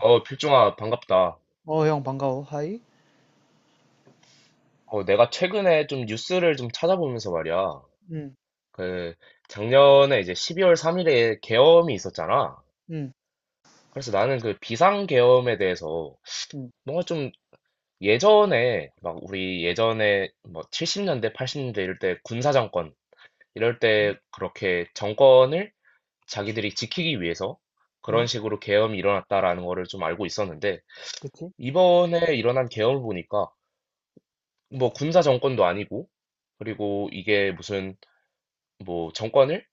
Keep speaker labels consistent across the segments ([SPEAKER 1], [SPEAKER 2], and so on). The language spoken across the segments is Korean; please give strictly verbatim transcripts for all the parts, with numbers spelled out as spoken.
[SPEAKER 1] 어, 필중아, 반갑다.
[SPEAKER 2] 어, 형, 반가워. 하이.
[SPEAKER 1] 어, 내가 최근에 좀 뉴스를 좀 찾아보면서 말이야.
[SPEAKER 2] 응,
[SPEAKER 1] 그, 작년에 이제 십이 월 삼 일에 계엄이 있었잖아.
[SPEAKER 2] 응,
[SPEAKER 1] 그래서 나는 그 비상계엄에 대해서
[SPEAKER 2] 응,
[SPEAKER 1] 뭔가 좀 예전에, 막 우리 예전에 뭐 칠십 년대, 팔십 년대 이럴 때 군사정권, 이럴
[SPEAKER 2] 응,
[SPEAKER 1] 때 그렇게 정권을 자기들이 지키기 위해서
[SPEAKER 2] 응.
[SPEAKER 1] 그런 식으로 계엄이 일어났다라는 거를 좀 알고 있었는데,
[SPEAKER 2] 그치?
[SPEAKER 1] 이번에 일어난 계엄을 보니까 뭐 군사 정권도 아니고, 그리고 이게 무슨 뭐 정권을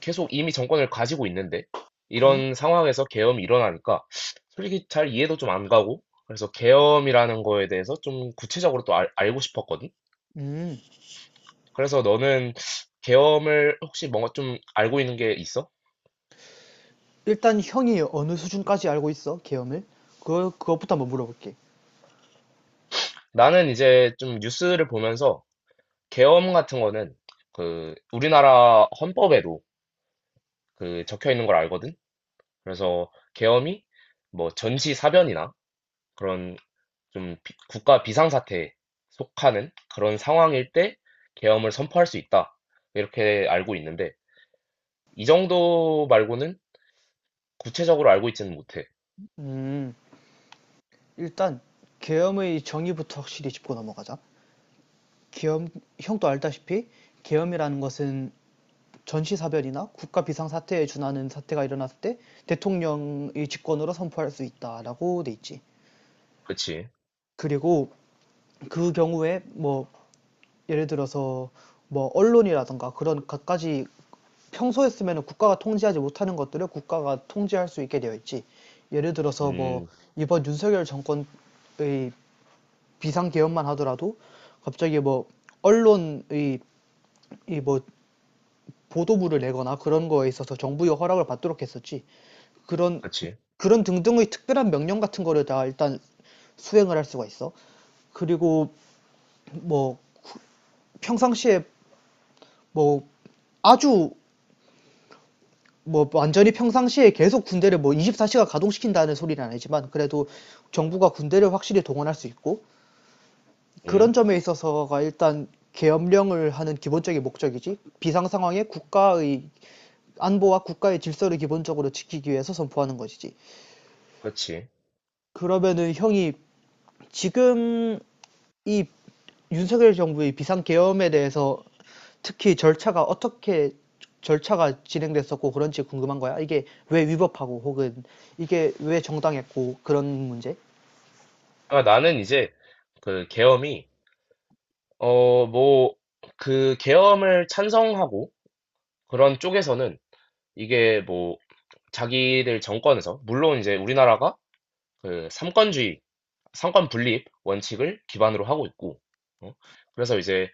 [SPEAKER 1] 계속 이미 정권을 가지고 있는데
[SPEAKER 2] 응,
[SPEAKER 1] 이런 상황에서 계엄이 일어나니까 솔직히 잘 이해도 좀 안 가고 그래서 계엄이라는 거에 대해서 좀 구체적으로 또 알, 알고 싶었거든.
[SPEAKER 2] 응.
[SPEAKER 1] 그래서 너는 계엄을 혹시 뭔가 좀 알고 있는 게 있어?
[SPEAKER 2] 일단 형이 어느 수준까지 알고 있어? 계엄을? 그거, 그것부터 한번 물어볼게.
[SPEAKER 1] 나는 이제 좀 뉴스를 보면서 계엄 같은 거는 그 우리나라 헌법에도 그 적혀 있는 걸 알거든. 그래서 계엄이 뭐 전시사변이나 그런 좀 비- 국가 비상사태에 속하는 그런 상황일 때 계엄을 선포할 수 있다. 이렇게 알고 있는데, 이 정도 말고는 구체적으로 알고 있지는 못해.
[SPEAKER 2] 음, 일단 계엄의 정의부터 확실히 짚고 넘어가자. 계엄, 형도 알다시피 계엄이라는 것은 전시사변이나 국가 비상사태에 준하는 사태가 일어났을 때 대통령의 직권으로 선포할 수 있다라고 돼 있지.
[SPEAKER 1] 그치.
[SPEAKER 2] 그리고 그 경우에 뭐 예를 들어서 뭐 언론이라든가 그런 갖가지 평소에 쓰면은 국가가 통제하지 못하는 것들을 국가가 통제할 수 있게 되어 있지. 예를 들어서 뭐
[SPEAKER 1] 음,
[SPEAKER 2] 이번 윤석열 정권의 비상 개헌만 하더라도 갑자기 뭐 언론의 이 뭐 보도부를 내거나 그런 거에 있어서 정부의 허락을 받도록 했었지. 그런
[SPEAKER 1] 그치.
[SPEAKER 2] 그런 등등의 특별한 명령 같은 거를 다 일단 수행을 할 수가 있어. 그리고 뭐 평상시에 뭐 아주 뭐 완전히 평상시에 계속 군대를 뭐 이십사 시간 가동시킨다는 소리는 아니지만 그래도 정부가 군대를 확실히 동원할 수 있고 그런
[SPEAKER 1] 음,
[SPEAKER 2] 점에 있어서가 일단 계엄령을 하는 기본적인 목적이지 비상 상황에 국가의 안보와 국가의 질서를 기본적으로 지키기 위해서 선포하는 것이지.
[SPEAKER 1] 그치.
[SPEAKER 2] 그러면은 형이 지금 이 윤석열 정부의 비상 계엄에 대해서 특히 절차가 어떻게 절차가 진행됐었고 그런지 궁금한 거야. 이게 왜 위법하고 혹은 이게 왜 정당했고 그런 문제?
[SPEAKER 1] 아, 나는 이제 그 계엄이, 어, 뭐, 그 계엄을 찬성하고 그런 쪽에서는 이게 뭐 자기들 정권에서, 물론 이제 우리나라가 그 삼권주의, 삼권 분립 원칙을 기반으로 하고 있고, 어? 그래서 이제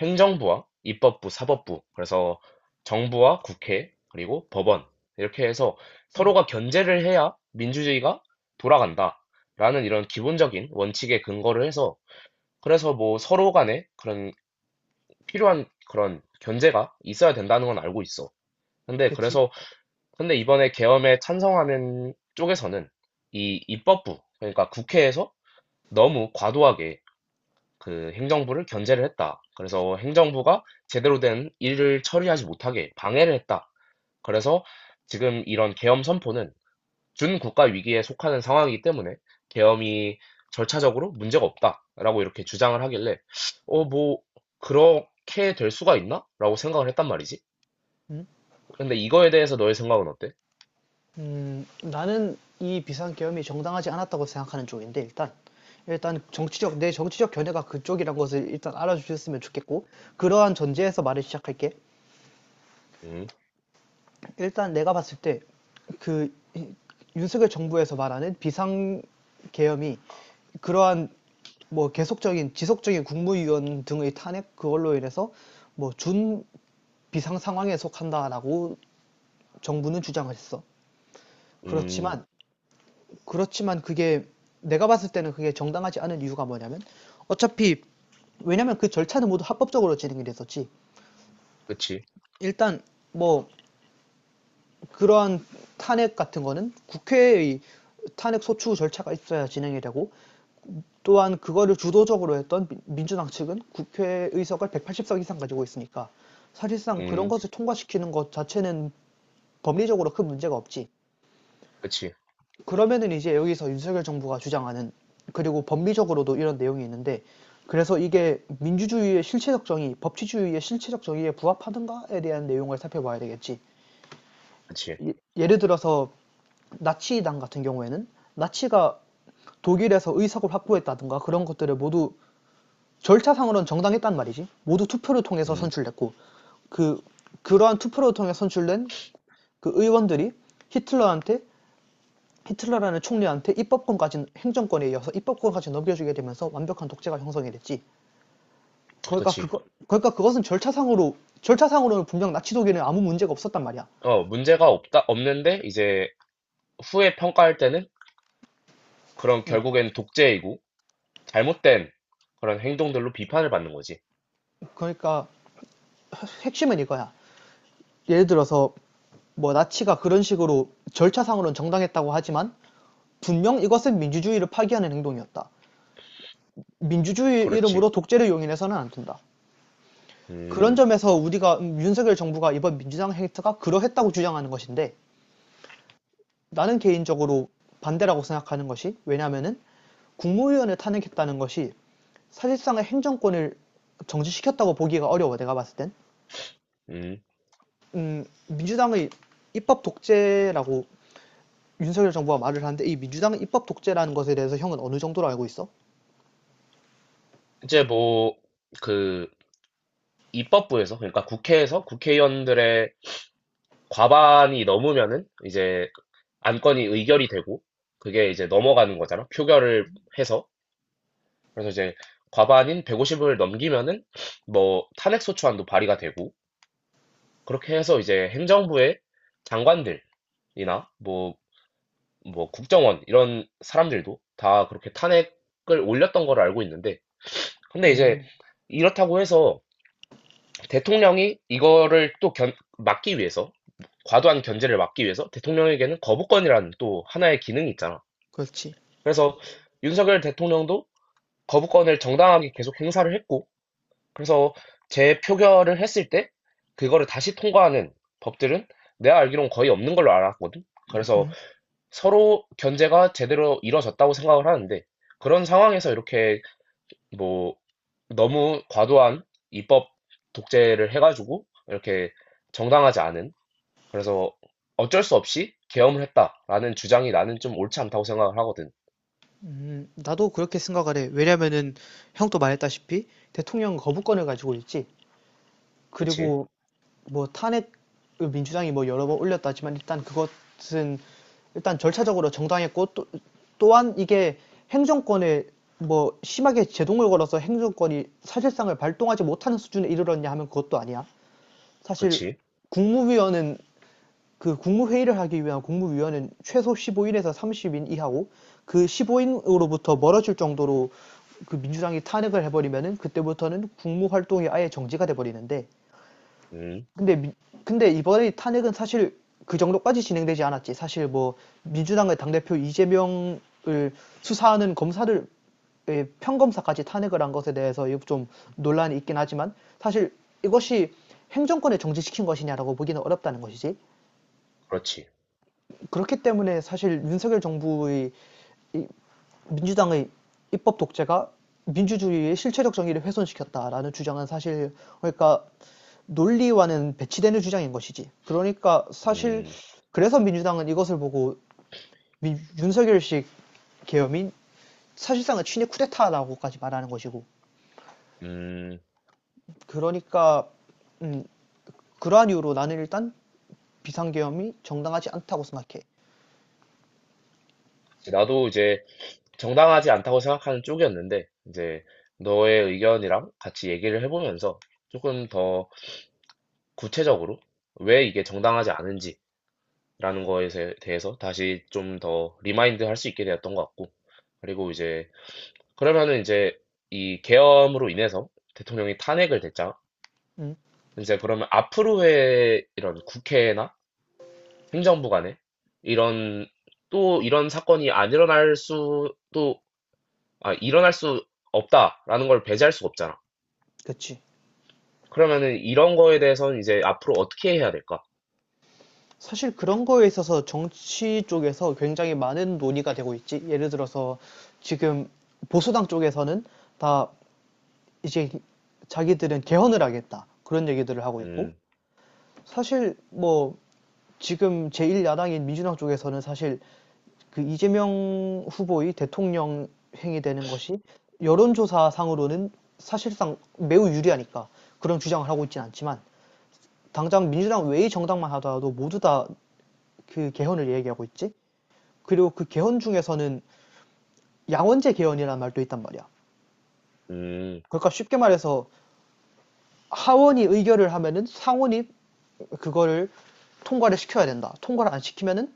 [SPEAKER 1] 행정부와 입법부, 사법부, 그래서 정부와 국회, 그리고 법원, 이렇게 해서 서로가 견제를 해야 민주주의가 돌아간다라는 이런 기본적인 원칙에 근거를 해서, 그래서 뭐 서로 간에 그런 필요한 그런 견제가 있어야 된다는 건 알고 있어. 근데
[SPEAKER 2] 그치?
[SPEAKER 1] 그래서, 근데 이번에 계엄에 찬성하는 쪽에서는 이 입법부, 그러니까 국회에서 너무 과도하게 그 행정부를 견제를 했다. 그래서 행정부가 제대로 된 일을 처리하지 못하게 방해를 했다. 그래서 지금 이런 계엄 선포는 준국가 위기에 속하는 상황이기 때문에 계엄이 절차적으로 문제가 없다라고 이렇게 주장을 하길래 어, 뭐 그렇게 될 수가 있나? 라고 생각을 했단 말이지.
[SPEAKER 2] 음,
[SPEAKER 1] 근데 이거에 대해서 너의 생각은 어때?
[SPEAKER 2] 음, 나는 이 비상계엄이 정당하지 않았다고 생각하는 쪽인데 일단 일단 정치적 내 정치적 견해가 그쪽이란 것을 일단 알아주셨으면 좋겠고 그러한 전제에서 말을 시작할게.
[SPEAKER 1] 음,
[SPEAKER 2] 일단 내가 봤을 때 그 윤석열 정부에서 말하는 비상 계엄이 그러한 뭐 계속적인 지속적인 국무위원 등의 탄핵 그걸로 인해서 뭐 준 비상 상황에 속한다라고 정부는 주장했어.
[SPEAKER 1] 음,
[SPEAKER 2] 그렇지만 그렇지만 그게 내가 봤을 때는 그게 정당하지 않은 이유가 뭐냐면 어차피 왜냐면 그 절차는 모두 합법적으로 진행이 됐었지.
[SPEAKER 1] 그치,
[SPEAKER 2] 일단 뭐 그러한 탄핵 같은 거는 국회의 탄핵 소추 절차가 있어야 진행이 되고 또한 그거를 주도적으로 했던 민- 주당 측은 국회 의석을 백팔십 석 이상 가지고 있으니까 사실상 그런
[SPEAKER 1] 음,
[SPEAKER 2] 것을 통과시키는 것 자체는 법리적으로 큰 문제가 없지.
[SPEAKER 1] 그치,
[SPEAKER 2] 그러면은 이제 여기서 윤석열 정부가 주장하는 그리고 법리적으로도 이런 내용이 있는데 그래서 이게 민주주의의 실체적 정의, 법치주의의 실체적 정의에 부합하는가에 대한 내용을 살펴봐야 되겠지.
[SPEAKER 1] 그치,
[SPEAKER 2] 예- 예를 들어서 나치당 같은 경우에는 나치가 독일에서 의석을 확보했다든가 그런 것들을 모두 절차상으로는 정당했단 말이지. 모두 투표를 통해서
[SPEAKER 1] 음,
[SPEAKER 2] 선출됐고 그 그러한 투표를 통해 선출된 그 의원들이 히틀러한테 히틀러라는 총리한테 입법권까지 행정권에 이어서 입법권까지 넘겨주게 되면서 완벽한 독재가 형성이 됐지. 그러니까
[SPEAKER 1] 그치.
[SPEAKER 2] 그거 그러니까 그것은 절차상으로 절차상으로는 분명 나치 독일은 아무 문제가 없었단 말이야.
[SPEAKER 1] 어, 문제가 없다, 없는데 이제 후에 평가할 때는 그럼 결국엔 독재이고 잘못된 그런 행동들로 비판을 받는 거지.
[SPEAKER 2] 그러니까 핵심은 이거야. 예를 들어서 뭐 나치가 그런 식으로 절차상으로는 정당했다고 하지만 분명 이것은 민주주의를 파기하는 행동이었다. 민주주의
[SPEAKER 1] 그렇지.
[SPEAKER 2] 이름으로 독재를 용인해서는 안 된다. 그런
[SPEAKER 1] 음,
[SPEAKER 2] 점에서 우리가 음, 윤석열 정부가 이번 민주당 행태가 그러했다고 주장하는 것인데 나는 개인적으로 반대라고 생각하는 것이 왜냐하면은 국무위원을 탄핵했다는 것이 사실상의 행정권을 정지시켰다고 보기가 어려워 내가 봤을 땐.
[SPEAKER 1] 음.
[SPEAKER 2] 음, 민주당의 입법 독재라고 윤석열 정부가 말을 하는데 이 민주당은 입법 독재라는 것에 대해서 형은 어느 정도로 알고 있어?
[SPEAKER 1] 이제 뭐, 그, 입법부에서, 그러니까 국회에서 국회의원들의 과반이 넘으면은 이제 안건이 의결이 되고 그게 이제 넘어가는 거잖아. 표결을 해서. 그래서 이제 과반인 백오십을 넘기면은 뭐 탄핵소추안도 발의가 되고 그렇게 해서 이제 행정부의 장관들이나 뭐 뭐 국정원 이런 사람들도 다 그렇게 탄핵을 올렸던 걸 알고 있는데 근데 이제
[SPEAKER 2] 음,
[SPEAKER 1] 이렇다고 해서 대통령이 이거를 또 견- 막기 위해서 과도한 견제를 막기 위해서 대통령에게는 거부권이라는 또 하나의 기능이 있잖아.
[SPEAKER 2] 그렇지.
[SPEAKER 1] 그래서 윤석열 대통령도 거부권을 정당하게 계속 행사를 했고 그래서 재표결을 했을 때 그거를 다시 통과하는 법들은 내가 알기론 거의 없는 걸로 알았거든. 그래서 서로 견제가 제대로 이뤄졌다고 생각을 하는데 그런 상황에서 이렇게 뭐 너무 과도한 입법 독재를 해가지고 이렇게 정당하지 않은 그래서 어쩔 수 없이 계엄을 했다라는 주장이 나는 좀 옳지 않다고 생각을 하거든.
[SPEAKER 2] 음, 나도 그렇게 생각을 해. 왜냐면은 형도 말했다시피 대통령 거부권을 가지고 있지.
[SPEAKER 1] 그치?
[SPEAKER 2] 그리고 뭐 탄핵 민주당이 뭐 여러 번 올렸다지만 일단 그것은 일단 절차적으로 정당했고 또, 또한 이게 행정권에 뭐 심하게 제동을 걸어서 행정권이 사실상을 발동하지 못하는 수준에 이르렀냐 하면 그것도 아니야. 사실
[SPEAKER 1] 그치?
[SPEAKER 2] 국무위원은 그 국무회의를 하기 위한 국무위원은 최소 십오 일에서 삼십 인 이하고 그 십오 인으로부터 멀어질 정도로 그 민주당이 탄핵을 해버리면은 그때부터는 국무 활동이 아예 정지가 돼버리는데
[SPEAKER 1] 음,
[SPEAKER 2] 근데 미- 근데 이번에 탄핵은 사실 그 정도까지 진행되지 않았지. 사실 뭐 민주당의 당대표 이재명을 수사하는 검사들, 예, 평검사까지 탄핵을 한 것에 대해서 좀 논란이 있긴 하지만 사실 이것이 행정권을 정지시킨 것이냐라고 보기는 어렵다는 것이지.
[SPEAKER 1] 그렇지.
[SPEAKER 2] 그렇기 때문에 사실 윤석열 정부의 민주당의 입법 독재가 민주주의의 실체적 정의를 훼손시켰다라는 주장은 사실 그러니까 논리와는 배치되는 주장인 것이지. 그러니까 사실
[SPEAKER 1] 음,
[SPEAKER 2] 그래서 민주당은 이것을 보고 민- 윤석열식 계엄인 사실상은 친일 쿠데타라고까지 말하는 것이고.
[SPEAKER 1] 음.
[SPEAKER 2] 그러니까 음, 그러한 이유로 나는 일단 비상계엄이 정당하지 않다고 생각해.
[SPEAKER 1] 나도 이제 정당하지 않다고 생각하는 쪽이었는데 이제 너의 의견이랑 같이 얘기를 해보면서 조금 더 구체적으로 왜 이게 정당하지 않은지 라는 거에 대해서 다시 좀 더 리마인드 할 수 있게 되었던 것 같고 그리고 이제 그러면은 이제 이 계엄으로 인해서 대통령이 탄핵을 됐잖아.
[SPEAKER 2] 음,
[SPEAKER 1] 이제 그러면 앞으로의 이런 국회나 행정부 간에 이런 또 이런 사건이 안 일어날 수도 아 일어날 수 없다라는 걸 배제할 수가 없잖아.
[SPEAKER 2] 그치.
[SPEAKER 1] 그러면은 이런 거에 대해서는 이제 앞으로 어떻게 해야 될까?
[SPEAKER 2] 사실 그런 거에 있어서 정치 쪽에서 굉장히 많은 논의가 되고 있지. 예를 들어서 지금 보수당 쪽에서는 다 이제 자기들은 개헌을 하겠다. 그런 얘기들을 하고 있고.
[SPEAKER 1] 음,
[SPEAKER 2] 사실 뭐 지금 제일 야당인 민주당 쪽에서는 사실 그 이재명 후보의 대통령 행위되는 것이 여론조사상으로는 사실상 매우 유리하니까 그런 주장을 하고 있진 않지만 당장 민주당 외의 정당만 하더라도 모두 다 그 개헌을 얘기하고 있지. 그리고 그 개헌 중에서는 양원제 개헌이라는 말도 있단 말이야.
[SPEAKER 1] 음,
[SPEAKER 2] 그러니까 쉽게 말해서 하원이 의결을 하면은 상원이 그거를 통과를 시켜야 된다. 통과를 안 시키면은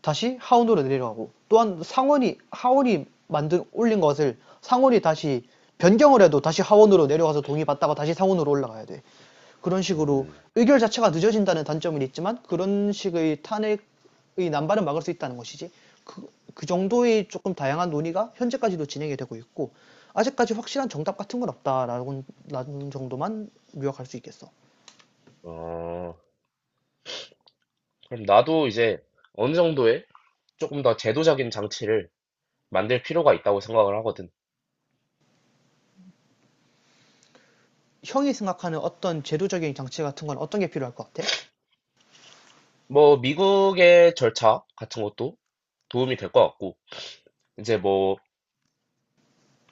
[SPEAKER 2] 다시 하원으로 내려가고 또한 상원이 하원이 만든 올린 것을 상원이 다시 변경을 해도 다시 하원으로 내려가서 동의받다가 다시 상원으로 올라가야 돼. 그런 식으로
[SPEAKER 1] 음,
[SPEAKER 2] 의결 자체가 늦어진다는 단점은 있지만 그런 식의 탄핵 이 난발을 막을 수 있다는 것이지. 그, 그 정도의 조금 다양한 논의가 현재까지도 진행이 되고 있고 아직까지 확실한 정답 같은 건 없다라는 정도만 요약할 수 있겠어.
[SPEAKER 1] 어. 그럼 나도 이제 어느 정도의 조금 더 제도적인 장치를 만들 필요가 있다고 생각을 하거든.
[SPEAKER 2] 형이 생각하는 어떤 제도적인 장치 같은 건 어떤 게 필요할 것 같아?
[SPEAKER 1] 뭐, 미국의 절차 같은 것도 도움이 될 것 같고, 이제 뭐,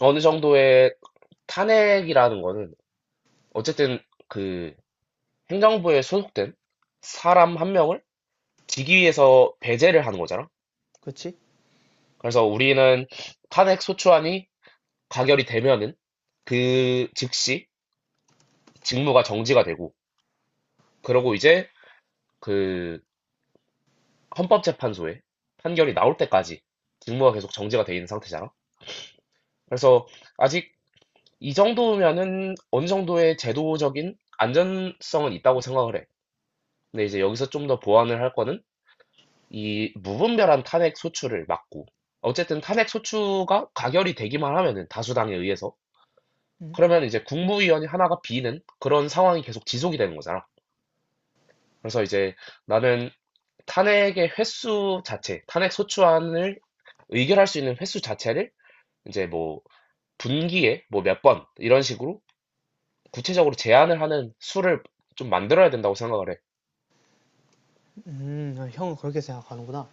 [SPEAKER 1] 어느 정도의 탄핵이라는 거는, 어쨌든 그 행정부에 소속된 사람 한 명을 직위에서 배제를 하는 거잖아.
[SPEAKER 2] 그렇지?
[SPEAKER 1] 그래서 우리는 탄핵 소추안이 가결이 되면은 그 즉시 직무가 정지가 되고, 그러고 이제 그 헌법재판소에 판결이 나올 때까지 직무가 계속 정지가 돼 있는 상태잖아. 그래서 아직 이 정도면은 어느 정도의 제도적인 안전성은 있다고 생각을 해. 근데 이제 여기서 좀 더 보완을 할 거는 이 무분별한 탄핵 소추를 막고 어쨌든 탄핵 소추가 가결이 되기만 하면은 다수당에 의해서
[SPEAKER 2] 음,
[SPEAKER 1] 그러면 이제 국무위원이 하나가 비는 그런 상황이 계속 지속이 되는 거잖아. 그래서 이제 나는 탄핵의 횟수 자체, 탄핵 소추안을 의결할 수 있는 횟수 자체를 이제 뭐 분기에 뭐 몇 번 이런 식으로 구체적으로 제한을 하는 수를 좀 만들어야 된다고 생각을 해.
[SPEAKER 2] 음, 형은 그렇게 생각하는구나.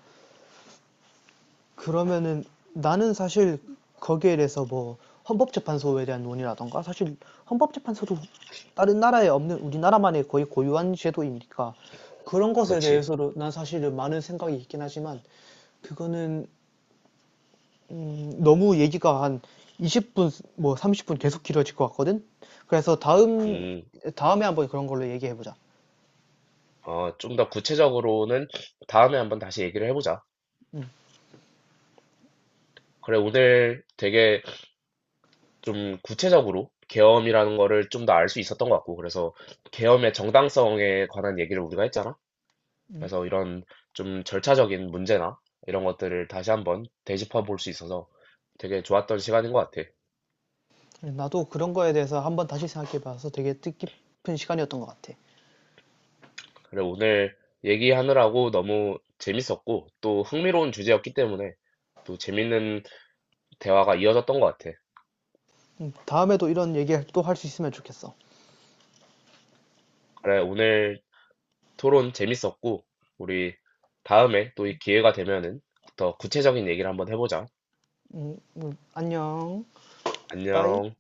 [SPEAKER 2] 그러면은 나는 사실 거기에 대해서 뭐 헌법재판소에 대한 논의라던가 사실 헌법재판소도 다른 나라에 없는 우리나라만의 거의 고유한 제도이니까 그런 것에
[SPEAKER 1] 그렇지.
[SPEAKER 2] 대해서도 난 사실은 많은 생각이 있긴 하지만 그거는 음, 너무 얘기가 한 이십 분 뭐 삼십 분 계속 길어질 것 같거든. 그래서 다음
[SPEAKER 1] 음,
[SPEAKER 2] 다음에 한번 그런 걸로 얘기해 보자.
[SPEAKER 1] 어, 좀 더 구체적으로는 다음에 한번 다시 얘기를 해보자. 그래, 오늘 되게 좀 구체적으로 계엄이라는 거를 좀 더 알 수 있었던 것 같고, 그래서 계엄의 정당성에 관한 얘기를 우리가 했잖아. 그래서 이런 좀 절차적인 문제나 이런 것들을 다시 한번 되짚어 볼 수 있어서 되게 좋았던 시간인 것 같아.
[SPEAKER 2] 나도 그런 거에 대해서 한번 다시 생각해 봐서 되게 뜻깊은 시간이었던 것 같아.
[SPEAKER 1] 그래, 오늘 얘기하느라고 너무 재밌었고, 또 흥미로운 주제였기 때문에 또 재밌는 대화가 이어졌던 것 같아.
[SPEAKER 2] 음, 다음에도 이런 얘기 또 할 수 있으면 좋겠어.
[SPEAKER 1] 그래, 오늘 토론 재밌었고, 우리 다음에 또 이 기회가 되면은 더 구체적인 얘기를 한번 해보자.
[SPEAKER 2] 음, 음, 안녕. 빠이.
[SPEAKER 1] 안녕.